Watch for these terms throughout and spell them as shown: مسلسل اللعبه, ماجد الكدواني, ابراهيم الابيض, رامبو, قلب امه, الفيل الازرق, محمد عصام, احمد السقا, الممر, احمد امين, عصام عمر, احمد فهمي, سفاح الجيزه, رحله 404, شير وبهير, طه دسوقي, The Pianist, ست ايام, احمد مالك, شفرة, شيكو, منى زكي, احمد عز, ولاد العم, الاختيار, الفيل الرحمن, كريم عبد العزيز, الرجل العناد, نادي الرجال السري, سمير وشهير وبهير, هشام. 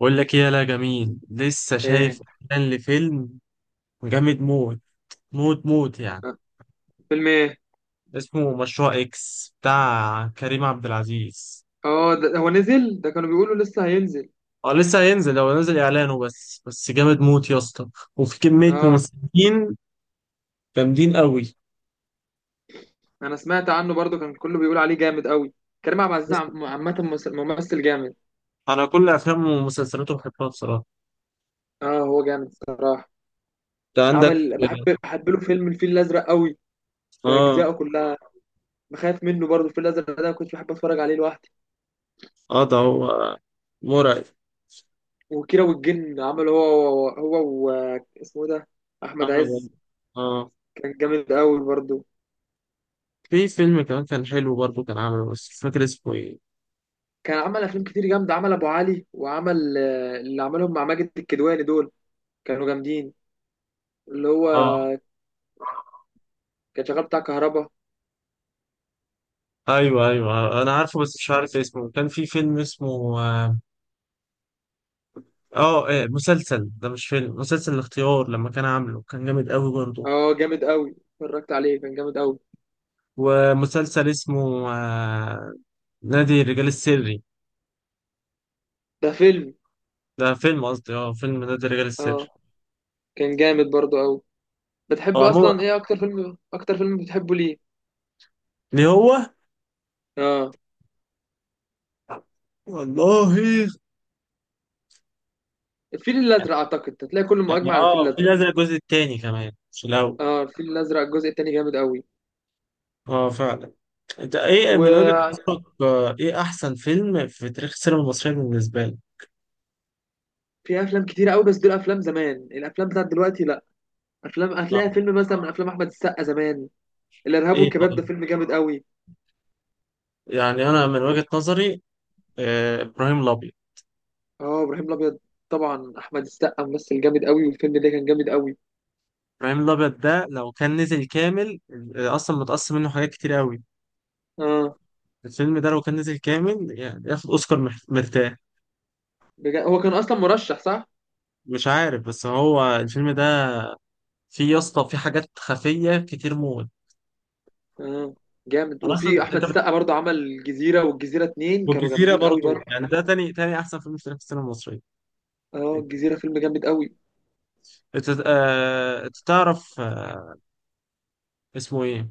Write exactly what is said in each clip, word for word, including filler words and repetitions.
بقول لك ايه يا لا جميل، لسه شايف ايه. اعلان لفيلم جامد موت، موت موت يعني. آه، فيلم ايه؟ اسمه مشروع اكس بتاع كريم عبد العزيز. اه، ده هو نزل؟ ده كانوا بيقولوا لسه هينزل. اه، لسه هينزل، هو نزل اعلانه بس بس جامد موت يا اسطى. وفي كمية اه، ممثلين جامدين قوي. انا سمعت عنه برضو كان كله بيقول عليه جامد قوي. كريم عبد العزيز عم- عامه ممثل ممثل جامد. انا كل افلامه ومسلسلاته بحبها بصراحة. اه، هو جامد صراحه. انت عندك؟ عمل بحب بحب له فيلم الفيل الازرق قوي، اه باجزائه كلها. بخاف منه برضو، الفيل الازرق ده كنت بحب اتفرج عليه لوحدي. اه، ده هو. مرعب. وكيرة والجن، عمل هو هو و... اسمه ده؟ احمد احمد عز. عز. اه، كان جامد قوي برضو. في فيلم كمان كان حلو برضه كان عامله، بس مش فاكر اسمه ايه. كان عمل افلام كتير جامده، عمل ابو علي، وعمل آه، اللي عملهم مع ماجد الكدواني دول، كانوا جامدين. اللي هو اه كان شغال بتاع كهربا. ايوه ايوه، انا عارفه بس مش عارف اسمه، كان في فيلم اسمه اه آه، إيه، مسلسل ده، مش فيلم، مسلسل الاختيار، لما كان عامله كان جامد قوي برضه. اه، جامد قوي، اتفرجت عليه كان جامد قوي. ومسلسل اسمه آه نادي الرجال السري. ده فيلم. ده فيلم، قصدي اه فيلم نادي الرجال السري. اه، كان جامد برضو قوي. هو بتحب اصلا عموما، ايه؟ اكتر فيلم، اكتر فيلم بتحبه ليه؟ ليه هو، اه، والله. الفيل الازرق اعتقد هتلاقي كله يعني مجمع على الفيل اه، في الازرق. نزل الجزء التاني كمان، مش الاول. اه، الفيل الازرق الجزء التاني جامد قوي. اه فعلا. انت ايه من وجهة وفي نظرك، آه، ايه احسن فيلم في تاريخ السينما المصرية بالنسبة لك؟ افلام كتير قوي، بس دول افلام زمان، الافلام بتاعت دلوقتي لا. افلام هتلاقي آه، فيلم مثلا من افلام احمد السقا زمان، الارهاب ايه والكباب، ده طيب. فيلم جامد قوي. يعني انا من وجهة نظري آه، ابراهيم الابيض. اه، ابراهيم الابيض. طبعا احمد السقا ممثل جامد قوي، والفيلم ده كان جامد قوي. ابراهيم الابيض ده لو كان نزل كامل، آه، اصلا متقسم منه حاجات كتير قوي. اه. الفيلم ده لو كان نزل كامل يعني ياخد اوسكار مح- مرتاح. بجا... هو كان اصلا مرشح صح؟ مش عارف، بس هو الفيلم ده فيه يا اسطى، فيه حاجات خفية كتير موت. اه جامد. أنا اصلا وفي احمد انت بت- السقا برضه عمل الجزيره والجزيره اتنين، كانوا والجزيرة جامدين قوي برضه. برضو، يعني ده تاني تاني احسن فيلم في تاريخ السينما المصرية. اه، انت الجزيره فيلم جامد قوي. آه، أنت تعرف، آه، اسمه ايه.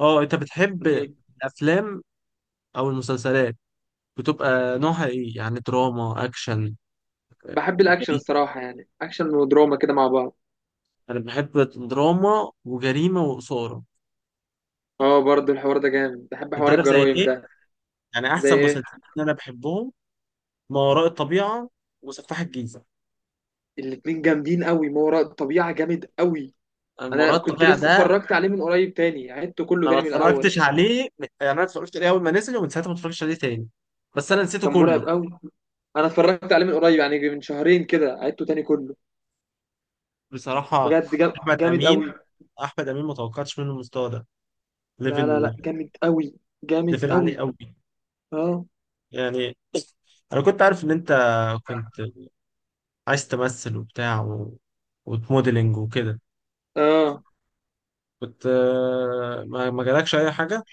اه، انت بتحب مم. الافلام او المسلسلات بتبقى نوعها ايه؟ يعني دراما، اكشن، بحب الاكشن جريمة. الصراحه، يعني اكشن ودراما كده مع بعض. انا بحب دراما وجريمه واثاره. اه برضه الحوار ده جامد، بحب انت حوار عارف زي الجرايم ايه؟ ده. يعني زي احسن ايه؟ مسلسلين انا بحبهم: ما وراء الطبيعه وسفاح الجيزه. الاتنين جامدين قوي، ما وراء الطبيعه جامد قوي. أنا ما وراء انا كنت الطبيعه لسه ده، اتفرجت عليه من قريب، تاني عدته كله انا ما تاني من الاول. اتفرجتش عليه. يعني انا اتفرجت عليه اول ما نزل، ومن ساعتها ما اتفرجتش عليه تاني. بس انا نسيته كان مرعب كله. قوي. انا اتفرجت عليه من قريب يعني من شهرين كده، عدته تاني كله. بصراحه، بجد جا- احمد جامد قوي. امين، احمد امين ما توقعتش منه المستوى ده. لا لا لا ليفل، جامد قوي، جامد ليفل عالي قوي. قوي. اه يعني انا كنت عارف ان انت كنت عايز تمثل وبتاع و... وتموديلنج وكده. اه. كنت آه، ما ما جالكش اي حاجه.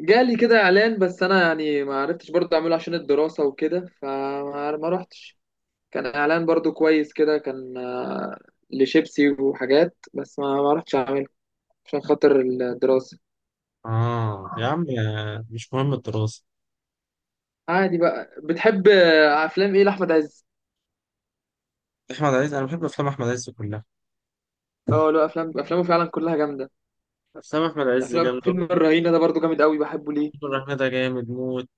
جالي كده اعلان بس انا يعني ما عرفتش برضه اعمله عشان الدراسة وكده، فما ما رحتش. كان اعلان برضه كويس كده، كان آه، لشيبسي وحاجات، بس ما ما رحتش اعمله عشان خاطر الدراسة. اه يا عم، آه، مش مهم الدراسه. عادي بقى. بتحب آه، افلام ايه لاحمد عز؟ احمد عز، انا بحب افلام احمد عز كلها. اه، له افلام، افلامه فعلا كلها جامدة. افلام احمد عز افلام جامده. فيلم الرهينة ده برضه جامد قوي، بحبه ليه. الفيل الرحمن ده جامد موت،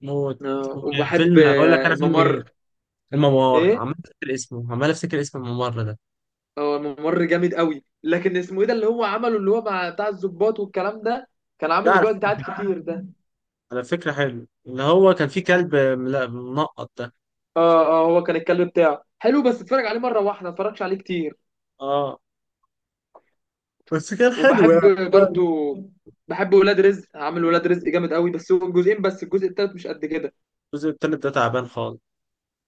موت. آه، وبحب فيلم اقول لك آه، انا، فيلم ايه؟ الممر. الممر. ايه؟ عمال افتكر اسمه عمال افتكر اسم الممر ده. هو ممر جامد قوي، لكن اسمه ايه ده اللي هو عمله؟ اللي هو مع بتاع الضباط والكلام ده، كان عامل لا، اللي على بيقعد يتعاد كتير ده. على فكره حلو، اللي هو كان فيه كلب ملا- منقط ده. اه اه، هو كان الكلب بتاعه حلو، بس اتفرج عليه مره واحده، ما اتفرجش عليه كتير. اه، بس كان حلو وبحب يعني. برضو، بحب ولاد رزق، عامل ولاد رزق جامد قوي، بس هو جزئين بس، الجزء التالت مش قد كده. الجزء التالت ده تعبان خالص.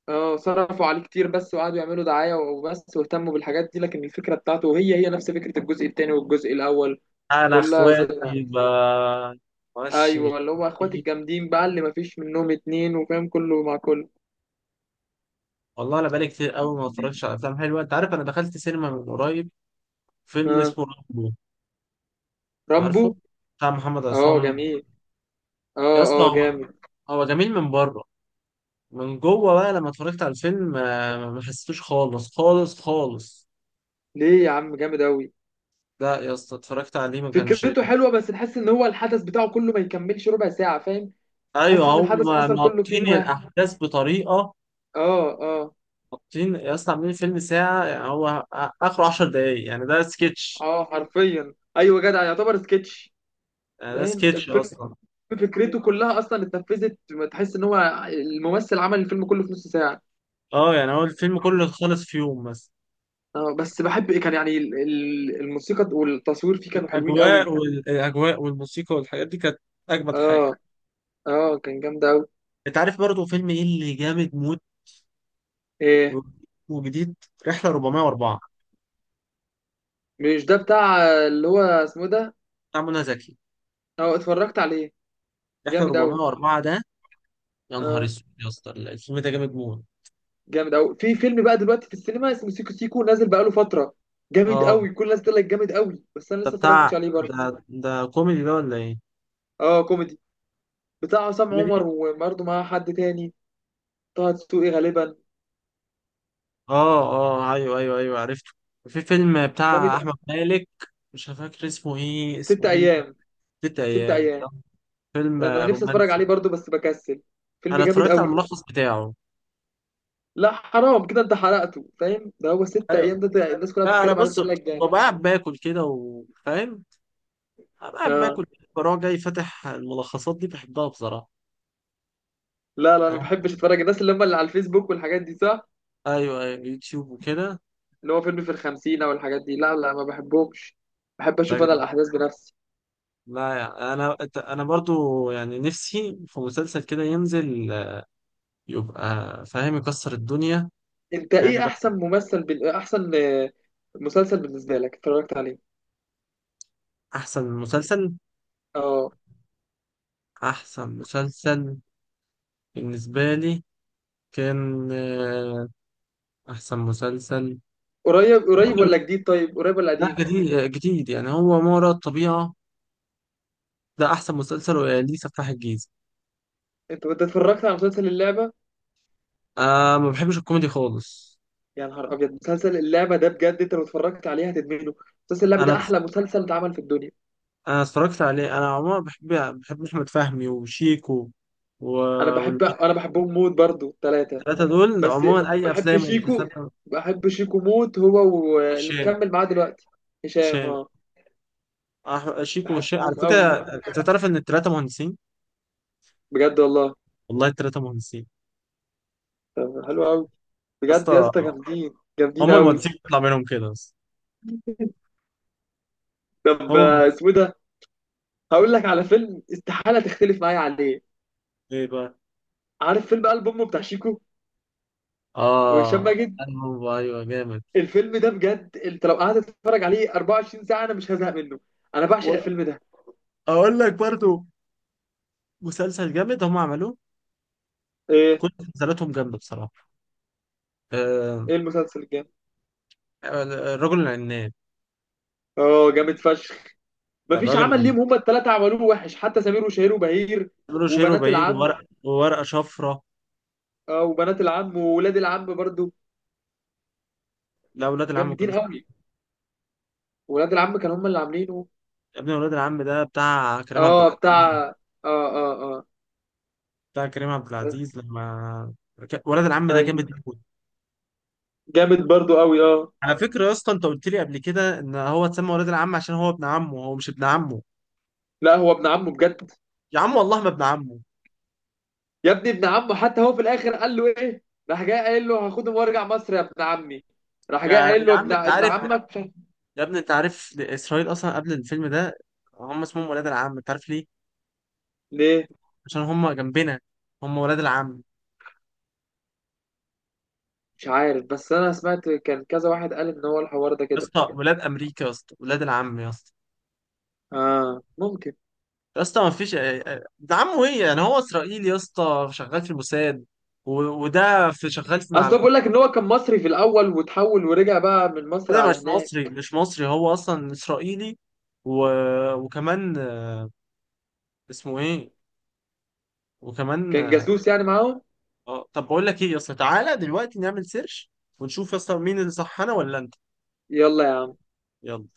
اه صرفوا عليه كتير، بس وقعدوا يعملوا دعاية وبس، واهتموا بالحاجات دي، لكن الفكرة بتاعته هي هي نفس فكرة الجزء التاني والجزء الأول، انا كلها زي... اخواتي، ب ماشي. ايوه اللي هو اخوات الجامدين بقى، اللي مفيش منهم اتنين، وفاهم كله مع كله. والله انا بقالي كتير قوي ما اتفرجتش على افلام حلوه. انت عارف انا دخلت سينما من قريب فيلم اه، اسمه رامبو. عارفه؟ رامبو. بتاع محمد اه عصام. جميل، يا اه اسطى اه هو، جامد. هو جميل من بره. من جوه بقى لما اتفرجت على الفيلم آه، ما حسيتوش خالص خالص خالص. ليه يا عم جامد قوي. لا يا اسطى، اتفرجت عليه ما كانش. فكرته حلوه، بس تحس ان هو الحدث بتاعه كله ما يكملش ربع ساعه، فاهم. تحس ايوه، ان هم الحدث حصل كله في ناطين يوم واحد. الاحداث بطريقه. اه اه ناطين يا اسطى، عاملين فيلم ساعه، يعني هو اخره 10 دقايق. يعني ده سكتش. اه، حرفيا ايوه، جدع يعتبر سكتش. يعني ده فاهم سكتش الفيلم اصلا. فكرته كلها اصلا اتنفذت، تحس ان هو الممثل عمل الفيلم كله في نص ساعه. اه يعني هو الفيلم كله خلص في يوم مثلا. اه، بس بحب كان يعني ال- ال- الموسيقى والتصوير فيه كانوا حلوين قوي. الاجواء، والاجواء والموسيقى والحاجات دي كانت اجمد اه حاجه. اه، كان جامد قوي. انت عارف برضه فيلم ايه اللي جامد موت؟ ايه؟ و- وجديد، رحله اربعمية واربعه. مش ده بتاع اللي هو اسمه إيه ده؟ بتاع منى زكي، اه، اتفرجت عليه، رحله جامد قوي. اربعمية واربعه ده. يا نهار اه اسود يا اسطى، الفيلم ده جامد موت. جامد قوي. في فيلم بقى دلوقتي في السينما اسمه سيكو سيكو، نازل بقاله فتره، جامد اه، قوي، كل الناس تقول لك جامد قوي، بس انا ده لسه بتاع اتفرجتش عليه ده برضه. ده كوميدي ده ولا ايه؟ اه كوميدي، بتاع عصام عمر كوميدي. وبرضه معاه حد تاني، طه دسوقي غالبا. اه اه، ايوه ايوه ايوه، عرفته. في فيلم جامد بتاع أوي. احمد مالك، مش فاكر اسمه ايه، ست اسمه ايه؟ ايام. ست ست ايام ايام. ده فيلم انا نفسي اتفرج عليه رومانسي. برضه بس بكسل، فيلم انا جامد اتفرجت على قوي. الملخص بتاعه. لا، حرام كده، انت حرقته فاهم. ده هو ست ايوه، ايام ده, ده, الناس كلها لا انا بتتكلم عليه بص، بتقول لك ببقى جامد. قاعد باكل كده وفاهم، أبقى قاعد اه. باكل، بروح جاي فاتح الملخصات دي، بحبها بصراحه. لا لا، ما أنا- بحبش اتفرج الناس اللي هم اللي على الفيسبوك والحاجات دي صح. ايوه ايوه، يوتيوب وكده. اللي هو فيلم في الخمسين او الحاجات دي، لا لا ما بحبهمش، بحب اشوف انا طيب، الاحداث بنفسي. لا يعني انا، انا برضو يعني نفسي في مسلسل كده ينزل، يبقى فاهم، يكسر الدنيا. انت يعني ايه بقى احسن ممثل بال... احسن آه، مسلسل بالنسبه لك اتفرجت عليه؟ احسن مسلسل، اه. احسن مسلسل بالنسبه لي كان آه، احسن مسلسل. قريب قريب ولا ممكن- جديد؟ طيب قريب ولا لا، قديم؟ جديد جديد يعني، هو ما وراء الطبيعه. ده احسن مسلسل، ليه؟ سفاح الجيزه. انت انت اتفرجت على مسلسل اللعبه؟ آه، ما بحبش الكوميدي خالص. يا نهار ابيض، مسلسل اللعبه ده بجد، انت لو اتفرجت عليه هتدمنه. مسلسل اللعبه ده انا، احلى مسلسل اتعمل في الدنيا. انا اتفرجت عليه. انا عموما بحب، بحب احمد فهمي وشيكو و... انا بحب انا بحبهم موت برضو ثلاثه. والثلاثه دول بس عموما اي بحب افلام شيكو ومسلسلات. بحب شيكو موت هو، واللي هشام. مكمل معاه دلوقتي هشام. هشام اه أح- شيكو وهشام بحبهم على قوي، فكره، انت تعرف ان الثلاثه مهندسين. بجد والله. والله الثلاثه مهندسين. طب حلو قوي، يا بجد يا اسطى، اسطى جامدين جامدين هم قوي. المهندسين بيطلع منهم كده بس. طب آه، هم؟ اسمه إيه ده؟ هقول لك على فيلم استحالة تختلف معايا عليه. ايه بقى؟ عارف فيلم قلب امه بتاع شيكو وهشام اه، ماجد؟ أنا هو ايوه جامد. الفيلم ده بجد، انت لو قعدت تتفرج عليه 24 ساعة انا مش هزهق منه. انا بعشق الفيلم ده. واقول لك برضو، مسلسل جامد هم عملوه. ايه؟ كل مسلسلاتهم جامده بصراحه. آه، ايه المسلسل الجامد؟ الرجل العناد. اه جامد فشخ. ده مفيش الراجل عمل العناد، ليهم هما التلاتة عملوه وحش، حتى سمير وشهير وبهير بيعملوا شير وبنات وبهير، العم. وورق وورقة شفرة. اه، وبنات العم وولاد العم برضو، لا، ولاد العم ما جامدين كانوش فيه. قوي. ولاد العم كانوا هما اللي عاملينه. يا ابني، ولاد العم ده بتاع كريم عبد اه العزيز. بتاع. اه اه اه بتاع كريم عبد بس. العزيز لما ك- ولاد العم ده ايوه، جامد موت. جامد برضو قوي. اه. على فكرة يا اسطى، انت قلت لي قبل كده ان هو اتسمى ولاد العم عشان هو ابن عمه. هو مش ابن عمه. لا هو ابن عمه بجد. يا عم والله ما ابن عمه. يا ابني ابن عمه، حتى هو في الاخر قال له ايه؟ راح جاي قايل له هاخدهم وارجع مصر يا ابن عمي. راح يا جاي قايل يا له عم ابن انت ابن عارف. عمك مش عارف-. يا ابني انت عارف، اسرائيل اصلا قبل الفيلم ده هم اسمهم ولاد العم، انت عارف ليه؟ ليه؟ عشان هم جنبنا، هم ولاد العم. مش عارف، بس انا سمعت كان كذا واحد قال ان هو الحوار ده يا كده. اسطى ولاد امريكا، يا اسطى ولاد العم يا اسطى. اه ممكن. يا اسطى، ما فيش. ده عمه ايه يعني، هو اسرائيلي يا اسطى شغال في الموساد، و... وده في شغال في مع اصل هو الحكومه. بيقول لك ان هو كان مصري في الاول وتحول ورجع بقى من مصر ده على مش مصري، هناك. مش مصري، هو اصلا اسرائيلي. و... وكمان آه، اسمه ايه، وكمان كان جاسوس يعني معاهم. آه، طب بقول لك ايه يا اسطى، تعالى دلوقتي نعمل سيرش ونشوف يا اسطى مين اللي صح، انا ولا انت. يلا يا يلا.